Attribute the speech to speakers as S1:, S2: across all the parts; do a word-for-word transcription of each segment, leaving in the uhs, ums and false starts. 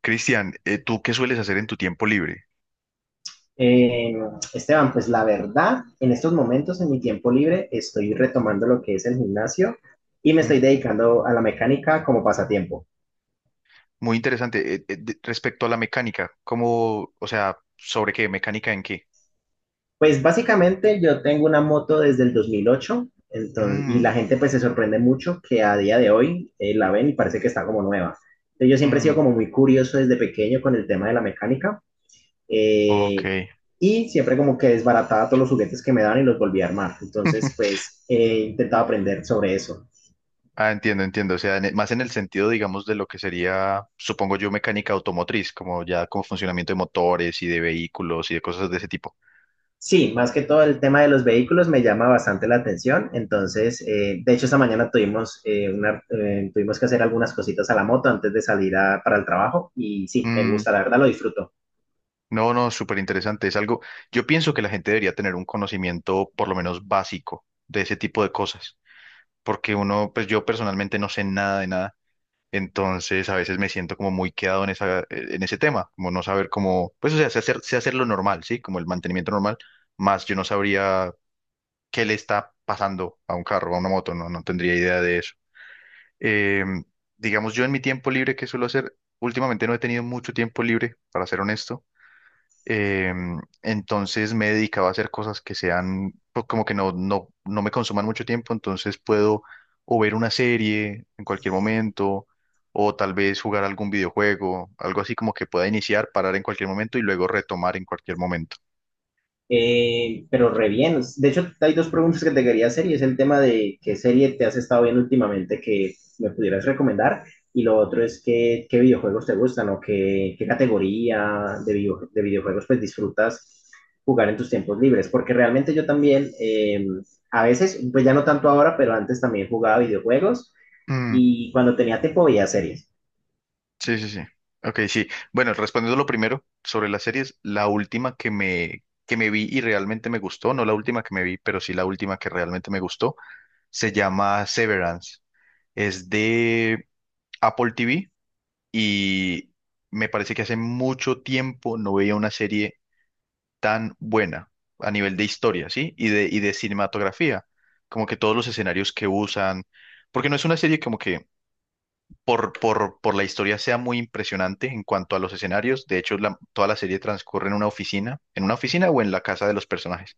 S1: Cristian, eh, ¿tú qué sueles hacer en tu tiempo libre?
S2: Eh, Esteban, pues la verdad, en estos momentos, en mi tiempo libre, estoy retomando lo que es el gimnasio y me estoy
S1: Mm,
S2: dedicando a la mecánica como pasatiempo.
S1: muy interesante. Eh, eh, de- respecto a la mecánica, ¿cómo, o sea, sobre qué? ¿Mecánica en qué?
S2: Pues básicamente yo tengo una moto desde el dos mil ocho, entonces, y la
S1: Mm,
S2: gente pues se sorprende mucho que a día de hoy eh, la ven y parece que está como nueva. Entonces, yo siempre he sido
S1: mm,
S2: como muy curioso desde pequeño con el tema de la mecánica
S1: ok.
S2: eh, y siempre como que desbarataba todos los juguetes que me dan y los volví a armar. Entonces pues he intentado aprender sobre eso.
S1: Ah, entiendo, entiendo. O sea, en e- más en el sentido, digamos, de lo que sería, supongo yo, mecánica automotriz, como ya como funcionamiento de motores y de vehículos y de cosas de ese tipo.
S2: Sí, más que todo el tema de los vehículos me llama bastante la atención. Entonces, eh, de hecho, esta mañana tuvimos, eh, una, eh, tuvimos que hacer algunas cositas a la moto antes de salir a- para el trabajo. Y sí, me
S1: Mm,
S2: gusta, la verdad lo disfruto.
S1: no, no, súper interesante. Es algo, yo pienso que la gente debería tener un conocimiento por lo menos básico de ese tipo de cosas. Porque uno, pues yo personalmente no sé nada de nada, entonces a veces me siento como muy quedado en esa, eh, en ese tema, como no saber cómo, pues o sea, sé hacer, sé hacer lo normal, ¿sí? Como el mantenimiento normal, más yo no sabría qué le está pasando a un carro, a una moto, no, no tendría idea de eso. Eh, digamos, yo en mi tiempo libre, ¿qué suelo hacer? Últimamente no he tenido mucho tiempo libre, para ser honesto. Em, entonces me he dedicado a hacer cosas que sean pues, como que no, no, no me consuman mucho tiempo, entonces puedo o ver una serie en cualquier momento, o tal vez jugar algún videojuego, algo así como que pueda iniciar, parar en cualquier momento y luego retomar en cualquier momento.
S2: Eh, pero re bien. De hecho, hay dos preguntas que te quería hacer y es el tema de qué serie te has estado viendo últimamente que me pudieras recomendar, y lo otro es que, qué videojuegos te gustan o qué, qué categoría de, video, de videojuegos pues disfrutas jugar en tus tiempos libres. Porque realmente yo también, eh, a veces, pues ya no tanto ahora, pero antes también jugaba videojuegos
S1: Mm,
S2: y cuando tenía tiempo veía series.
S1: sí, sí, sí. Ok, sí. Bueno, respondiendo lo primero sobre las series, la última que me, que me vi y realmente me gustó, no la última que me vi, pero sí la última que realmente me gustó, se llama Severance. Es de Apple T V y me parece que hace mucho tiempo no veía una serie tan buena a nivel de historia, ¿sí? Y de, y de cinematografía, como que todos los escenarios que usan, porque no es una serie como que por, por, por la historia sea muy impresionante en cuanto a los escenarios, de hecho la- toda la serie transcurre en una oficina, en una oficina o en la casa de los personajes,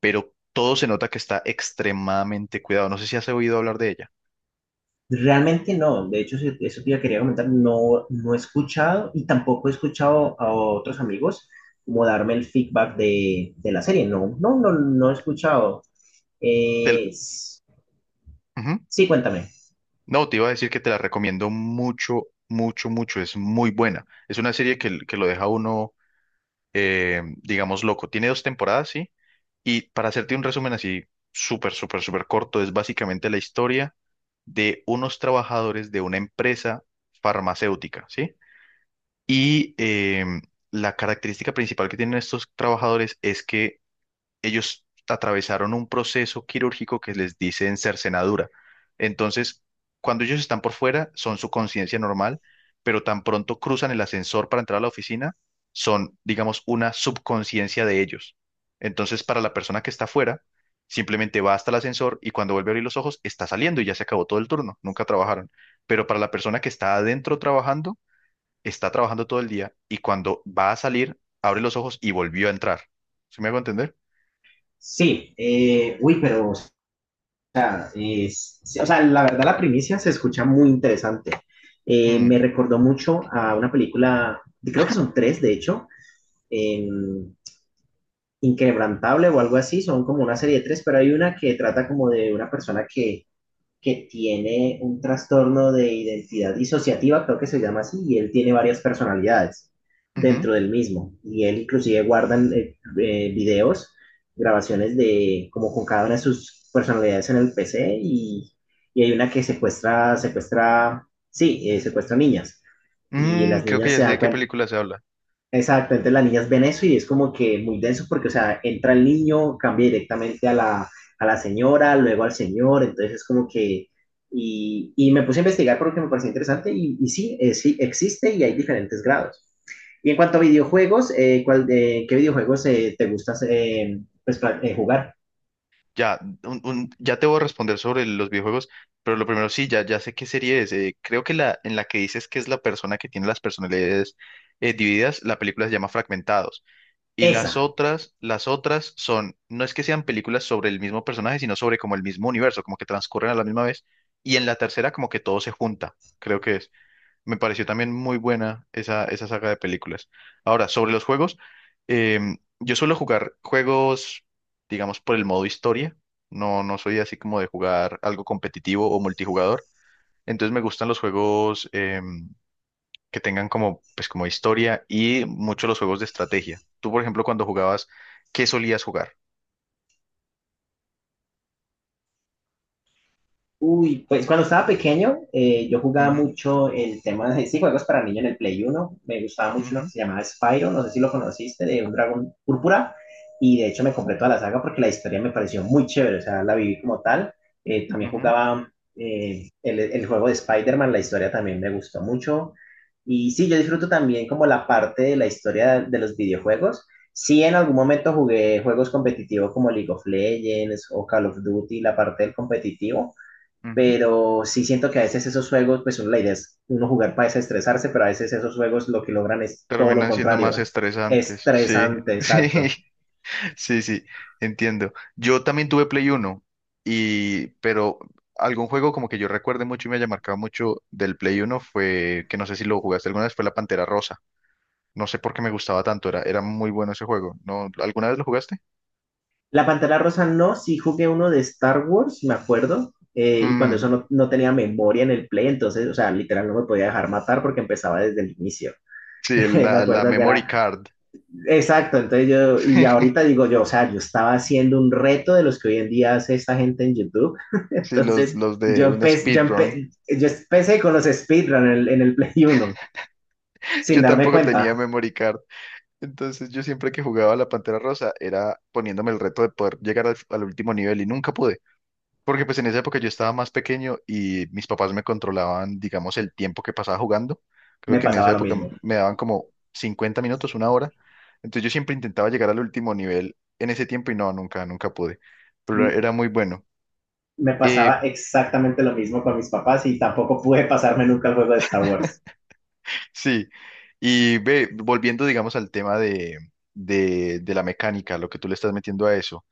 S1: pero todo se nota que está extremadamente cuidado, no sé si has oído hablar de ella.
S2: Realmente no, de hecho se- eso te iba- quería comentar, no, no he escuchado y tampoco he escuchado a otros amigos como darme el feedback de, de la serie, no, no, no, no he escuchado. Eh,
S1: Del-
S2: s-
S1: Ujú.
S2: sí, cuéntame.
S1: No, te iba a decir que te la recomiendo mucho, mucho, mucho. Es muy buena. Es una serie que, que lo deja uno, eh, digamos, loco. Tiene dos temporadas, sí. Y para hacerte un resumen así, súper, súper, súper corto, es básicamente la historia de unos trabajadores de una empresa farmacéutica, ¿sí? Y em, la característica principal que tienen estos trabajadores es que ellos atravesaron un proceso quirúrgico que les dicen cercenadura. Entonces, cuando ellos están por fuera, son su conciencia normal, pero tan pronto cruzan el ascensor para entrar a la oficina, son, digamos, una subconsciencia de ellos. Entonces, para la persona que está fuera, simplemente va hasta el ascensor y cuando vuelve a abrir los ojos, está saliendo y ya se acabó todo el turno, nunca trabajaron. Pero para la persona que está adentro trabajando, está trabajando todo el día y cuando va a salir, abre los ojos y volvió a entrar. ¿Se me hago entender?
S2: Sí, eh, uy, pero, o sea, es- sí, o sea, la verdad la primicia se escucha muy interesante. Eh,
S1: Mm.
S2: me recordó mucho a una película, creo que son tres, de hecho, Inquebrantable o algo así, son como una serie de tres, pero hay una que trata como de una persona que, que tiene un trastorno de identidad disociativa, creo que se llama así, y él tiene varias personalidades
S1: Ujú.
S2: dentro del mismo, y él inclusive guarda eh, eh, videos, grabaciones de como con cada una de sus personalidades en el P C, y, y hay una que secuestra, secuestra, sí, eh, secuestra niñas, y
S1: Mm,
S2: las
S1: creo que
S2: niñas
S1: ya
S2: se
S1: sé de
S2: dan
S1: qué
S2: cuenta.
S1: película se habla.
S2: Exacto, entonces las niñas ven eso y es como que muy denso porque, o sea, entra el niño, cambia directamente a la, a la señora, luego al señor, entonces es como que... Y, y me puse a investigar porque me pareció interesante y, y sí, eh, sí, existe y hay diferentes grados. Y en cuanto a videojuegos, eh, ¿cuál, eh, ¿qué videojuegos eh, te gustas eh, pues, pla- eh, jugar?
S1: Ya, un- un- ya te voy a responder sobre los videojuegos, pero lo primero sí, ya, ya sé qué serie es. Eh, creo que la en la que dices que es la persona que tiene las personalidades eh, divididas, la película se llama Fragmentados. Y las
S2: Esa.
S1: otras, las otras son, no es que sean películas sobre el mismo personaje, sino sobre como el mismo universo, como que transcurren a la misma vez. Y en la tercera como que todo se junta, creo que es. Me pareció también muy buena esa, esa saga de películas. Ahora, sobre los juegos, em, yo suelo jugar juegos, digamos, por el modo historia. No, no soy así como de jugar algo competitivo o multijugador. Entonces me gustan los juegos em, que tengan como, pues, como historia y mucho los juegos de estrategia. Tú, por ejemplo, cuando jugabas, ¿qué solías jugar?
S2: Uy, pues cuando estaba pequeño, eh, yo jugaba
S1: Ujú,
S2: mucho el tema de sí, juegos para niños en el Play Uno. Me gustaba mucho uno
S1: ujú,
S2: que se llamaba Spyro, no sé si lo conociste, de un dragón púrpura. Y de hecho me compré toda la saga porque la historia me pareció muy chévere, o sea, la viví como tal. Eh, también
S1: ujú,
S2: jugaba eh, el, el juego de Spider-Man, la historia también me gustó mucho. Y sí, yo disfruto también como la parte de la historia de los videojuegos. Sí, en algún momento jugué juegos competitivos como League of Legends o Call of Duty, la parte del competitivo,
S1: ujú.
S2: pero sí siento que a veces esos juegos, pues la idea es uno jugar para desestresarse, pero a veces esos juegos lo que logran es todo lo
S1: Terminan siendo más
S2: contrario, ¿eh?
S1: estresantes. Sí,
S2: Estresante,
S1: sí.
S2: exacto.
S1: Sí, sí, entiendo. Yo también tuve Play Uno y pero algún juego como que yo recuerde mucho y me haya marcado mucho del Play Uno fue que no sé si lo jugaste alguna vez, fue la Pantera Rosa. No sé por qué me gustaba tanto, era, era muy bueno ese juego. ¿No? ¿Alguna vez lo jugaste?
S2: La Pantera Rosa no, sí jugué uno de Star Wars, me acuerdo, eh, y cuando eso
S1: Mm,
S2: no, no tenía memoria en el play, entonces, o sea, literal no me podía dejar matar porque empezaba desde el inicio.
S1: sí,
S2: Me
S1: la, la
S2: acuerdo que
S1: memory
S2: era...
S1: card.
S2: Exacto, entonces yo, y ahorita digo yo, o sea, yo estaba haciendo un reto de los que hoy en día hace esta gente en YouTube,
S1: Sí, los,
S2: entonces
S1: los de
S2: yo
S1: un
S2: empecé, yo,
S1: speedrun.
S2: empe yo empecé con los speedrun en el, en el Play Uno, sin
S1: Yo
S2: darme
S1: tampoco tenía
S2: cuenta.
S1: memory card. Entonces yo siempre que jugaba a la Pantera Rosa era poniéndome el reto de poder llegar al, al último nivel y nunca pude. Porque pues en esa época yo estaba más pequeño y mis papás me controlaban, digamos, el tiempo que pasaba jugando. Creo
S2: Me
S1: que en esa
S2: pasaba lo
S1: época m-
S2: mismo.
S1: me daban como cincuenta minutos, una hora. Entonces yo siempre intentaba llegar al último nivel en ese tiempo y no, nunca, nunca pude. Pero era era muy bueno.
S2: Me
S1: Eh,
S2: pasaba exactamente lo mismo con mis papás y tampoco pude pasarme nunca el juego de Star Wars.
S1: sí. Y ve, volviendo, digamos, al tema de, de, de la mecánica, lo que tú le estás metiendo a eso.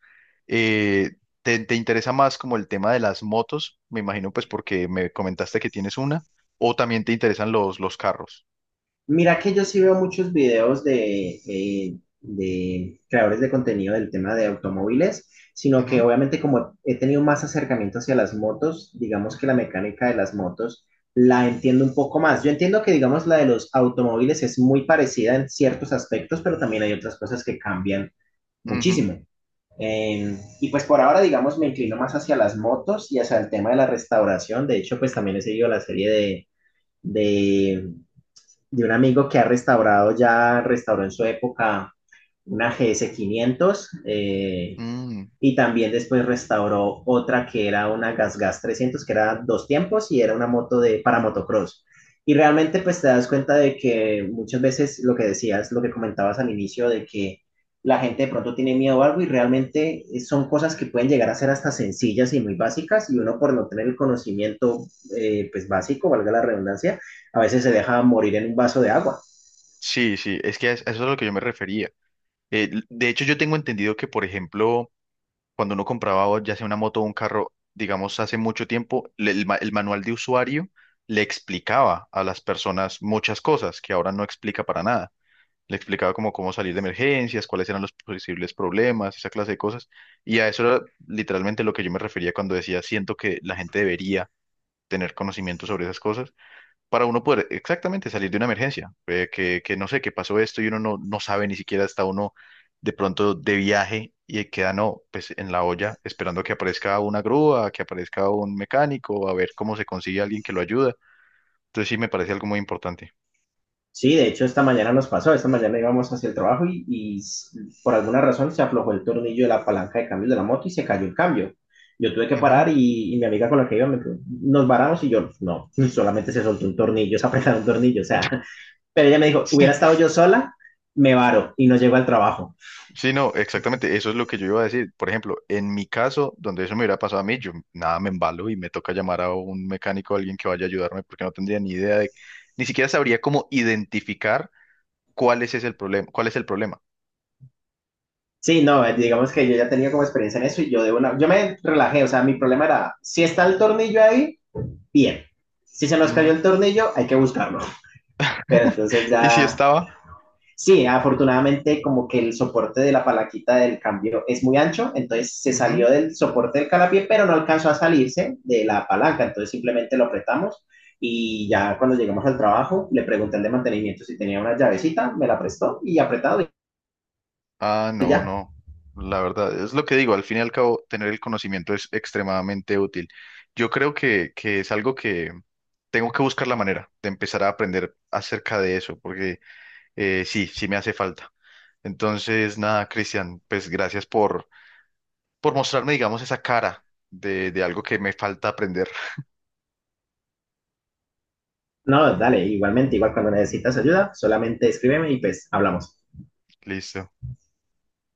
S1: eh, ¿Te, te interesa más como el tema de las motos? Me imagino pues porque me comentaste que tienes una. ¿O también te interesan los, los carros?
S2: Mira que yo sí veo muchos videos de, eh, de creadores de contenido del tema de automóviles, sino que
S1: Ujú,
S2: obviamente como he tenido más acercamiento hacia las motos, digamos que la mecánica de las motos la entiendo un poco más. Yo entiendo que digamos la de los automóviles es muy parecida en ciertos aspectos, pero también hay otras cosas que cambian
S1: ujú,
S2: muchísimo. Eh, y pues por ahora digamos me inclino más hacia las motos y hacia el tema de la restauración. De hecho pues también he seguido la serie de de de un amigo que ha restaurado, ya restauró en su época una gs quinientos eh,
S1: mm.
S2: y también después restauró otra que era una Gas Gas trescientos, que era dos tiempos y era una moto de, para motocross. Y realmente pues te das cuenta de que muchas veces lo que decías, lo que comentabas al inicio, de que la gente de pronto tiene miedo a algo y realmente eh, son cosas que pueden llegar a ser hasta sencillas y muy básicas y uno por no tener el conocimiento eh, pues básico, valga la redundancia, a veces se deja morir en un vaso de agua.
S1: Sí, sí, es que a eso es a lo que yo me refería. Eh, l- de hecho, yo tengo entendido que, por ejemplo, cuando uno compraba o ya sea una moto o un carro, digamos, hace mucho tiempo, le- el, ma- el manual de usuario le explicaba a las personas muchas cosas que ahora no explica para nada. Le explicaba como cómo salir de emergencias, cuáles eran los posibles problemas, esa clase de cosas. Y a eso era literalmente lo que yo me refería cuando decía, siento que la gente debería tener conocimiento sobre esas cosas para uno poder exactamente salir de una emergencia, eh, que, que no sé, que pasó esto y uno no, no sabe ni siquiera está uno de pronto de viaje y queda no, pues en la olla esperando que aparezca una grúa, que aparezca un mecánico, a ver cómo se consigue alguien que lo ayuda. Entonces sí me parece algo muy importante.
S2: Sí, de hecho esta mañana nos pasó, esta mañana íbamos hacia el trabajo y, y por alguna razón se aflojó el tornillo de la palanca de cambio de la moto y se cayó el cambio. Yo tuve que
S1: Ujú.
S2: parar y, y mi amiga con la que iba me dijo, nos varamos, y yo, no, solamente se soltó un tornillo, se apretó un tornillo, o sea, pero ella me dijo, hubiera
S1: Sí,
S2: estado yo sola, me varo y no llego al trabajo.
S1: sí, no, exactamente, eso es lo que yo iba a decir. Por ejemplo, en mi caso, donde eso me hubiera pasado a mí, yo nada me embalo y me toca llamar a un mecánico, a alguien que vaya a ayudarme, porque no tendría ni idea de, ni siquiera sabría cómo identificar ¿cuál es ese el problema? ¿Cuál es el problema?
S2: Sí, no, eh, digamos que yo ya tenía como experiencia en eso y yo de una, yo me relajé, o sea, mi problema era, si está el tornillo ahí, bien, si se nos cayó
S1: Ujú.
S2: el tornillo, hay que buscarlo. Pero entonces
S1: ¿Y si
S2: ya...
S1: estaba?
S2: Sí, afortunadamente como que el soporte de la palanquita del cambio es muy ancho, entonces se
S1: Ujú.
S2: salió del soporte del calapié, pero no alcanzó a salirse de la palanca, entonces simplemente lo apretamos y ya cuando llegamos al trabajo le pregunté al de mantenimiento si tenía una llavecita, me la prestó y apretado
S1: Ah,
S2: y
S1: no,
S2: ya.
S1: no. La verdad, es lo que digo, al fin y al cabo, tener el conocimiento es extremadamente útil. Yo creo que, que es algo que tengo que buscar la manera de empezar a aprender acerca de eso, porque eh, sí, sí me hace falta. Entonces, nada, Cristian, pues gracias por, por mostrarme, digamos, esa cara de, de algo que me falta aprender.
S2: No, dale, igualmente, igual cuando necesitas ayuda, solamente escríbeme y pues hablamos.
S1: Listo.